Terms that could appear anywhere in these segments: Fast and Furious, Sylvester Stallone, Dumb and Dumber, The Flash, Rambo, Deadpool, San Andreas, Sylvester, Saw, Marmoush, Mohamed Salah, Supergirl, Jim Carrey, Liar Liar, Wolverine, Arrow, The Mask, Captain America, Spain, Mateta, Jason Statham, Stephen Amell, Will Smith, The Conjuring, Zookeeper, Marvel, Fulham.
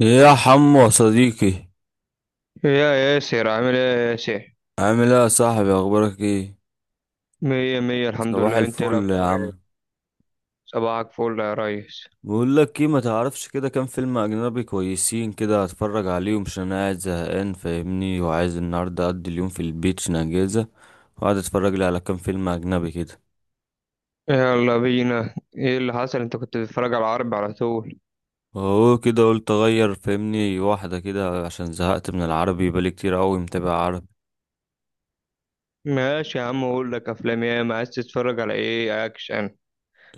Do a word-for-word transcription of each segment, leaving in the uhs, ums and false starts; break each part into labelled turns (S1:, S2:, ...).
S1: يا حمو يا صديقي.
S2: يا ياسر، عامل ايه يا ياسر؟
S1: عامل ايه يا صاحبي؟ اخبارك ايه؟
S2: مية مية الحمد
S1: صباح
S2: لله. انت ايه
S1: الفل يا
S2: الاخبار
S1: عم.
S2: ايه؟ صباحك فل يا ريس.
S1: بقول لك ايه، ما تعرفش كده كام فيلم اجنبي كويسين كده اتفرج عليهم؟ عشان انا قاعد زهقان فاهمني، وعايز النهارده اقضي اليوم في البيت عشان اجازه، وقعد اتفرج لي على كام فيلم اجنبي كده.
S2: يلا بينا، ايه اللي حصل؟ انت كنت بتتفرج على العرب على طول.
S1: اهو كده، قلت اغير فاهمني واحده كده عشان زهقت من العربي، بقالي كتير قوي متابع عربي.
S2: ماشي يا عم، اقول لك افلام ايه. ما عايز تتفرج على ايه، اكشن؟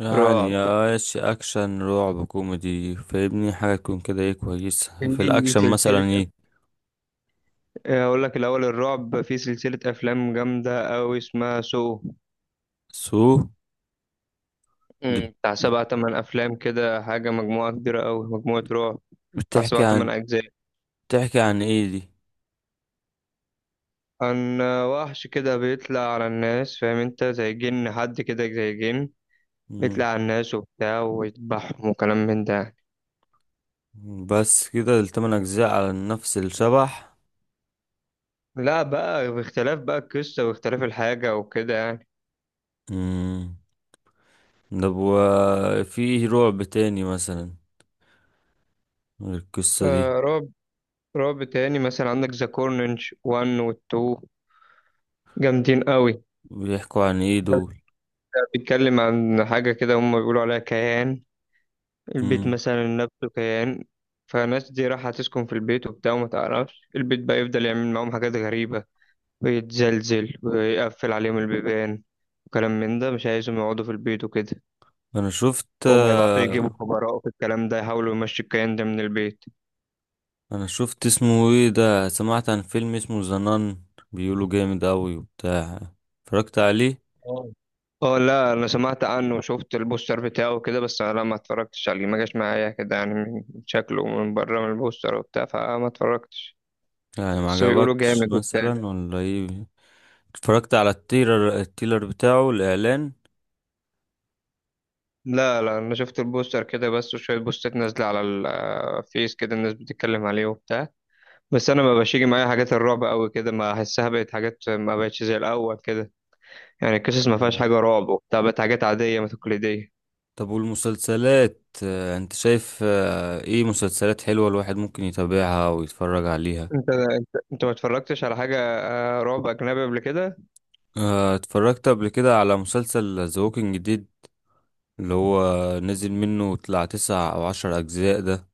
S1: يعني
S2: رعب.
S1: يا ايش، اكشن، رعب، كوميدي فاهمني، حاجه تكون كده ايه كويسه في
S2: في
S1: الاكشن مثلا؟
S2: سلسلة أف-
S1: ايه
S2: اقول لك الاول الرعب، في سلسلة افلام جامدة اوي اسمها سو.
S1: سو. دي بت-
S2: مم، بتاع سبع تمن افلام كده، حاجة مجموعة كبيرة اوي، مجموعة رعب. بتاع سبع
S1: بتحكي
S2: تمن
S1: عن
S2: اجزاء.
S1: بتحكي عن ايه دي؟
S2: كان وحش كده بيطلع على الناس، فاهم انت، زي جن، حد كده زي جن.
S1: مم.
S2: بيطلع على الناس وبتاع ويذبحهم وكلام من ده يعني.
S1: بس كده، التمن اجزاء على نفس الشبح؟
S2: لا بقى، باختلاف بقى القصة واختلاف الحاجة وكده يعني.
S1: مم. طب، وفي رعب تاني مثلا؟ غير القصة دي؟
S2: آه، رعب. رعب تاني مثلا عندك ذا كورنج واحد و اتنين، جامدين قوي.
S1: بيحكوا عن ايه
S2: ده
S1: دول؟
S2: ده بيتكلم عن حاجة كده هم بيقولوا عليها كيان، البيت
S1: مم.
S2: مثلا نفسه كيان. فالناس دي رايحة تسكن في البيت وبتاع، وما تعرفش البيت بقى يفضل يعمل معاهم حاجات غريبة، ويتزلزل ويقفل عليهم البيبان، وكلام من ده، مش عايزهم يقعدوا في البيت وكده.
S1: انا شفت
S2: هما يبعتوا يجيبوا خبراء في الكلام ده يحاولوا يمشوا الكيان ده من البيت.
S1: انا شفت اسمه ايه ده، سمعت عن فيلم اسمه زنان، بيقولوا جامد اوي وبتاع، اتفرجت عليه؟
S2: اه. اه لا، انا سمعت عنه وشفت البوستر بتاعه كده، بس انا ما اتفرجتش عليه، ما جاش معايا كده يعني، من شكله من بره من البوستر وبتاع، فما اتفرجتش.
S1: يعني ما
S2: بس بيقولوا
S1: عجبكش
S2: جامد وبتاع.
S1: مثلا ولا ايه؟ اتفرجت على التيلر التيلر بتاعه الاعلان؟
S2: لا لا، انا شفت البوستر كده بس، وشويه بوستات نازله على الفيس كده الناس بتتكلم عليه وبتاع. بس انا ما بقاش يجي معايا حاجات الرعب قوي كده، ما احسها بقت حاجات، ما بقتش زي الاول كده. يعني القصص ما فيهاش
S1: مم.
S2: حاجه رعب وبتاع، بقت حاجات عاديه، ما تقليديه.
S1: طب والمسلسلات، آه، انت شايف آه، ايه مسلسلات حلوة الواحد ممكن يتابعها ويتفرج عليها؟
S2: انت انت انت ما اتفرجتش على حاجه آه، رعب اجنبي قبل كده؟
S1: آه، اتفرجت قبل كده على مسلسل ذا ووكينج ديد. اللي هو نزل منه طلع تسع او عشر اجزاء ده،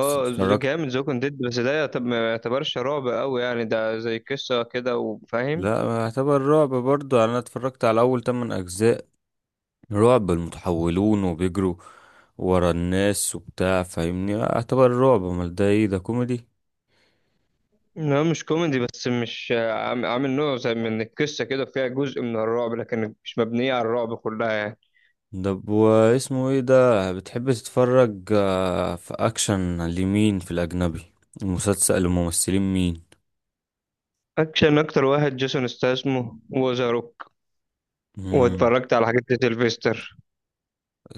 S1: بس اتفرجت.
S2: جامد زوكن ديد، بس ده يعتب- ما يعتبرش رعب قوي يعني، ده زي قصه كده وفاهم.
S1: لا، اعتبر رعب برضه يعني. انا اتفرجت على اول تمن اجزاء. رعب المتحولون وبيجروا ورا الناس وبتاع فاهمني، اعتبر رعب، امال ده ايه؟ ده كوميدي؟
S2: لا مش كوميدي، بس مش آه، عام- عامل نوع زي من القصه كده، فيها جزء من الرعب لكن مش مبنيه على الرعب كلها يعني.
S1: طب، واسمه ايه ده، بتحب تتفرج آه، في اكشن لمين في الاجنبي؟ المسلسل الممثلين مين؟
S2: اكشن، اكتر واحد جيسون استاسمو وذا.
S1: مم.
S2: واتفرجت على حاجات لسيلفستر.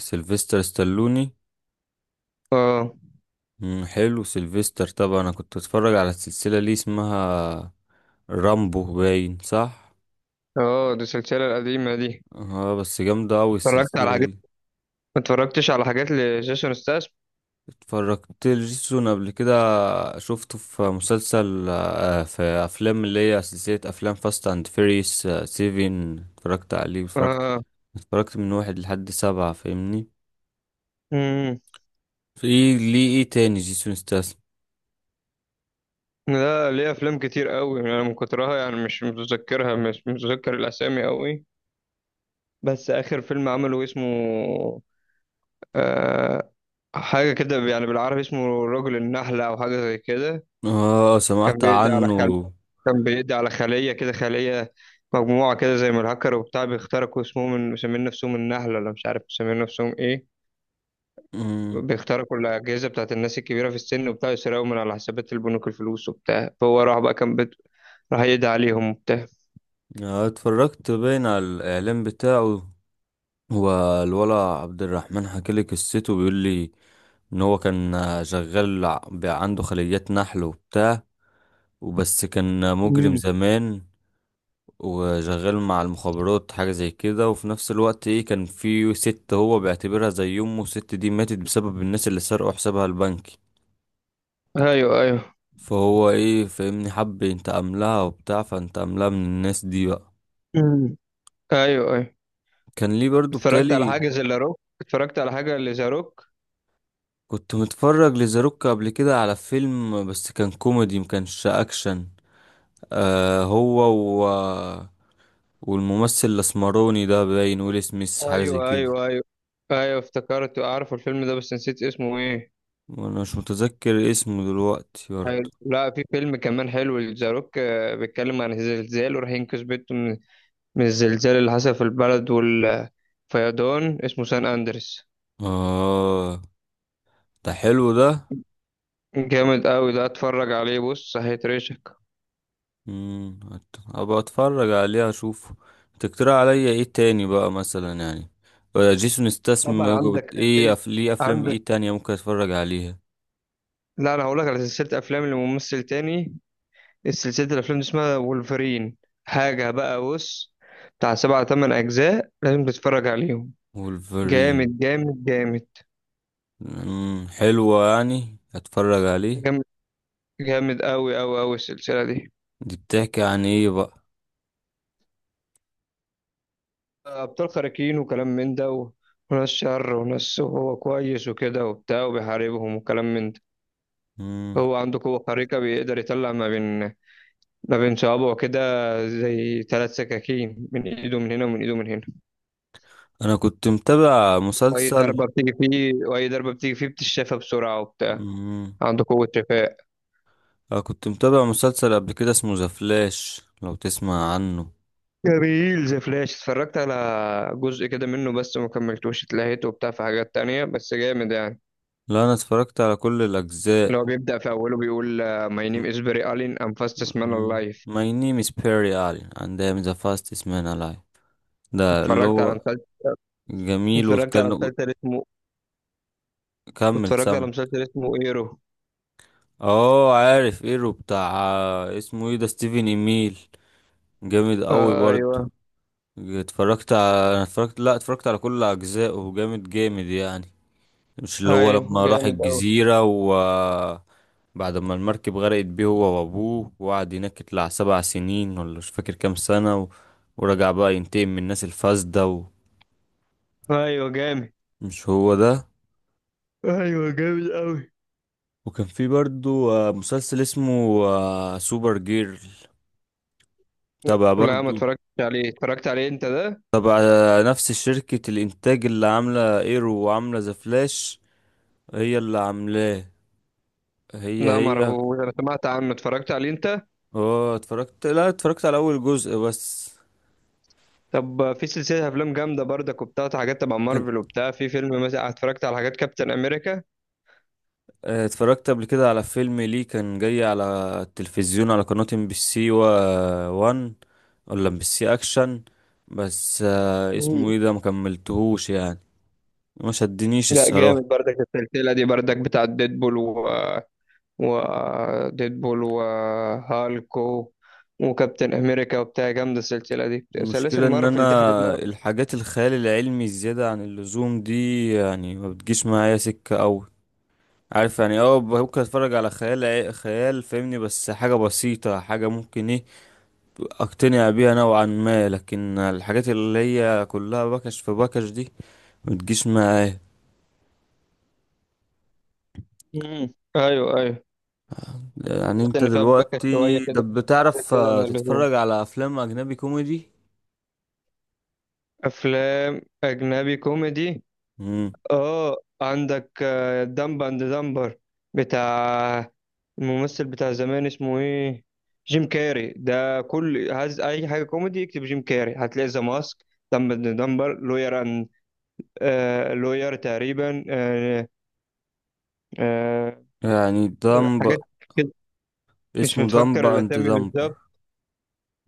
S1: سيلفستر ستالوني.
S2: اه.
S1: مم. حلو سيلفستر طبعا. انا كنت اتفرج على السلسلة اللي اسمها رامبو باين صح؟
S2: اه دي السلسلة القديمة دي.
S1: اه، بس جامدة اوي
S2: اتفرجت على
S1: السلسلة
S2: حاجات،
S1: دي.
S2: ما اتفرجتش على حاجات لجيسون ستاس.
S1: اتفرجت لجيسون قبل كده، شفته في مسلسل آه، في افلام، اللي هي سلسلة افلام فاست اند فيريس سيفين، اتفرجت عليه. اتفرجت
S2: اه.
S1: اتفرجت من واحد لحد سبعة فاهمني.
S2: امم.
S1: في ايه ليه، ايه تاني جيسون ستاثام؟
S2: لا ليه افلام كتير قوي انا، من كترها يعني مش متذكرها، مش متذكر الاسامي قوي. بس اخر فيلم عمله اسمه، آه، حاجة كده يعني بالعربي اسمه رجل النحلة او حاجة زي كده.
S1: اه،
S2: كان
S1: سمعت
S2: بيدي على
S1: عنه.
S2: كان بيقضي على خلية كده، خلية مجموعة كده زي ما الهاكر وبتاع بيخترقوا، اسمهم، من مسمين نفسهم النحلة ولا مش عارف مسمين نفسهم ايه.
S1: مم.
S2: بيخترقوا الأجهزة بتاعت الناس الكبيرة في السن وبتاع، يسرقوا من على حسابات البنوك الفلوس وبتاع، فهو راح بقى كان بد... راح يدعي عليهم وبتاع.
S1: آه، اتفرجت باين على الاعلان بتاعه. هو الولا عبد الرحمن حكالي قصته، بيقول لي ان هو كان شغال ع- بقى عنده خليات نحل وبتاع، وبس كان مجرم
S2: مم.
S1: زمان وشغال مع المخابرات حاجة زي كده، وفي نفس الوقت ايه، كان في ست هو بيعتبرها زي امه، الست دي ماتت بسبب الناس اللي سرقوا حسابها البنكي،
S2: ايوه ايوه.
S1: فهو ايه فاهمني حب ينتقم لها وبتاع، فانتقم لها من الناس دي بقى.
S2: مم. ايوه ايوه.
S1: كان ليه برضو
S2: اتفرجت على
S1: بتالي.
S2: حاجة زي لاروك، اتفرجت على حاجة لزاروك.
S1: كنت متفرج لزاروك قبل كده على فيلم، بس كان كوميدي مكانش اكشن. آه هو و... والممثل الاسمروني ده باين ويل سميث حاجة زي
S2: ايوه
S1: كده.
S2: ايوه ايوه. ايوه افتكرت، اعرف الفيلم ده بس نسيت اسمه ايه.
S1: وانا مش متذكر اسمه دلوقتي برضو.
S2: حلو. لا في فيلم كمان حلو لذا روك، آه، بيتكلم عن الزلزال وراح ينقذ بنته من، من الزلزال اللي حصل في البلد والفيضان، اسمه سان أندرس.
S1: اه، ده حلو ده.
S2: جامد قوي ده، اتفرج عليه بص، هيترشك.
S1: امم ابقى اتفرج عليه اشوفه. تقترح عليا ايه تاني بقى مثلا يعني؟ ولا جيسون استسم؟
S2: طبعا عندك
S1: ايه
S2: سلسلة.
S1: أف... ليه افلام
S2: عندك،
S1: ايه تانية ممكن اتفرج عليها؟
S2: لا انا هقول لك على سلسلة افلام لممثل تاني. السلسلة الافلام دي اسمها وولفرين. حاجة بقى بص، بتاع سبعة تمن اجزاء لازم تتفرج عليهم.
S1: وولفرين.
S2: جامد جامد جامد.
S1: امم حلوة يعني، اتفرج عليه.
S2: جامد، جامد قوي قوي قوي السلسلة دي.
S1: دي بتحكي عن ايه بقى؟
S2: ابطال خارقين وكلام من ده، و... وناس شر وناس هو كويس وكده وبتاع، وبيحاربهم وكلام من ده.
S1: امم.
S2: هو عنده قوة خارقة، بيقدر يطلع ما بين، ما بين صوابعه كده، زي ثلاث سكاكين، من ايده من هنا ومن ايده من هنا.
S1: انا كنت متابع
S2: واي
S1: مسلسل
S2: ضربة بتيجي فيه، واي ضربة بتيجي فيه بتشافى بسرعة وبتاع.
S1: امم
S2: عنده قوة شفاء.
S1: انا كنت متابع مسلسل قبل كده اسمه ذا فلاش، لو تسمع عنه؟
S2: جميل زي فلاش. اتفرجت على جزء كده منه بس ما كملتوش، اتلهيت وبتاع في حاجات تانية، بس جامد يعني.
S1: لا، انا اتفرجت على كل
S2: اللي
S1: الاجزاء.
S2: هو بيبدأ في أوله بيقول آه، My name is Barry Allen, I'm fastest man
S1: Um,
S2: alive.
S1: My name is Perry Allen and I am the fastest man alive. ده اللي
S2: اتفرجت على
S1: هو
S2: مسلسل،
S1: جميل
S2: اتفرجت
S1: وكان،
S2: على مسلسل اسمه،
S1: كمل
S2: اتفرجت
S1: سامع.
S2: على مسلسل اسمه ايرو.
S1: اه، عارف ايرو بتاع. اسمه ايه ده؟ ستيفن ايميل. جامد قوي
S2: آه
S1: برضه.
S2: ايوه.
S1: اتفرجت على انا اتفرجت لا اتفرجت على كل اجزائه، جامد جامد يعني. مش اللي هو
S2: ايوه
S1: لما راح
S2: جامد قوي.
S1: الجزيرة و بعد ما المركب غرقت بيه هو وابوه، وقعد هناك يطلع سبع سنين ولا مش فاكر كام سنة، و... ورجع بقى ينتقم من الناس الفاسدة؟
S2: ايوه جامد.
S1: مش هو ده؟
S2: ايوه جامد قوي.
S1: وكان في برضو آه، مسلسل اسمه آه، سوبر جيرل، تبع
S2: لا ما
S1: برضو،
S2: اتفرجتش عليه، اتفرجت عليه انت ده.
S1: تبع آه، نفس شركة الإنتاج اللي عاملة إيرو وعاملة ذا فلاش، هي اللي عاملاه. هي
S2: لا ما
S1: هي
S2: اعرفوش، انا سمعت عنه، اتفرجت عليه انت.
S1: اه، اتفرجت لا اتفرجت على أول جزء بس.
S2: طب في سلسله افلام جامده برضك وبتاع، حاجات تبع
S1: كان
S2: مارفل وبتاع، في فيلم مثلا اتفرجت على حاجات كابتن امريكا.
S1: آه، اتفرجت قبل كده على فيلم ليه، كان جاي على التلفزيون على قناة ام بي سي وان، ولا ام بي سي اكشن، بس آه، اسمه
S2: مم.
S1: ايه ده، مكملتهوش يعني، ما شدنيش
S2: لا
S1: الصراحة.
S2: جامد برضك السلسله دي برضك، بتاع ديدبول و، وديدبول وهالك و- وكابتن امريكا وبتاع، جامده السلسله دي، سلاسل
S1: المشكلة ان
S2: مارفل دي، حاجات
S1: انا
S2: مارفل.
S1: الحاجات الخيال العلمي الزيادة عن اللزوم دي يعني ما بتجيش معايا سكة اوي. عارف يعني اه، ممكن اتفرج على خيال عي- خيال فاهمني، بس حاجة بسيطة، حاجة ممكن ايه اقتنع بيها نوعا ما، لكن الحاجات اللي هي كلها بكش في بكش دي ما بتجيش معايا.
S2: امم ايوه ايوه.
S1: يعني
S2: بس
S1: انت
S2: ان فيها باكت شويه
S1: دلوقتي ده
S2: كده، حاجات
S1: بتعرف
S2: كده
S1: آه،
S2: من اللزوم.
S1: تتفرج على افلام اجنبي كوميدي؟
S2: افلام اجنبي كوميدي،
S1: مم.
S2: اه عندك دمب اند دمبر، بتاع الممثل بتاع زمان اسمه ايه، جيم كاري ده. كل عايز اي حاجه كوميدي اكتب جيم كاري، هتلاقي ذا ماسك، دمب اند دمبر لوير، آه لوير تقريبا، آه، آه،
S1: يعني دمب.
S2: حاجات كده. مش
S1: اسمه دمب
S2: متفكر
S1: اند
S2: الاسامي
S1: دمب؟
S2: بالظبط.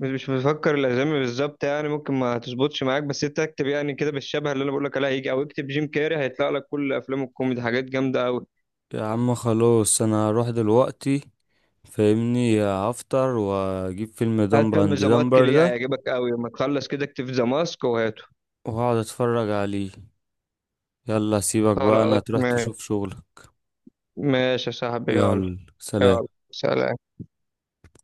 S2: مش مش متفكر الاسامي بالظبط يعني، ممكن ما تظبطش معاك، بس انت اكتب يعني كده بالشبه اللي انا بقول لك عليها هيجي، او اكتب جيم كاري هيطلع لك كل افلام الكوميدي، حاجات جامده قوي.
S1: يا عم خلاص، انا هروح دلوقتي فاهمني، هفطر واجيب فيلم
S2: هات
S1: دمبر
S2: فيلم
S1: اند
S2: ذا ماسك
S1: دمبر
S2: ليه،
S1: ده،
S2: هيعجبك قوي، لما تخلص كده اكتب ذا ماسك وهاته.
S1: وهقعد اتفرج عليه. يلا سيبك بقى، انا
S2: خلاص
S1: تروح
S2: ماشي.
S1: تشوف شغلك.
S2: ماشي يا صاحبي، يلا.
S1: يلا سلام.
S2: يلا سلام.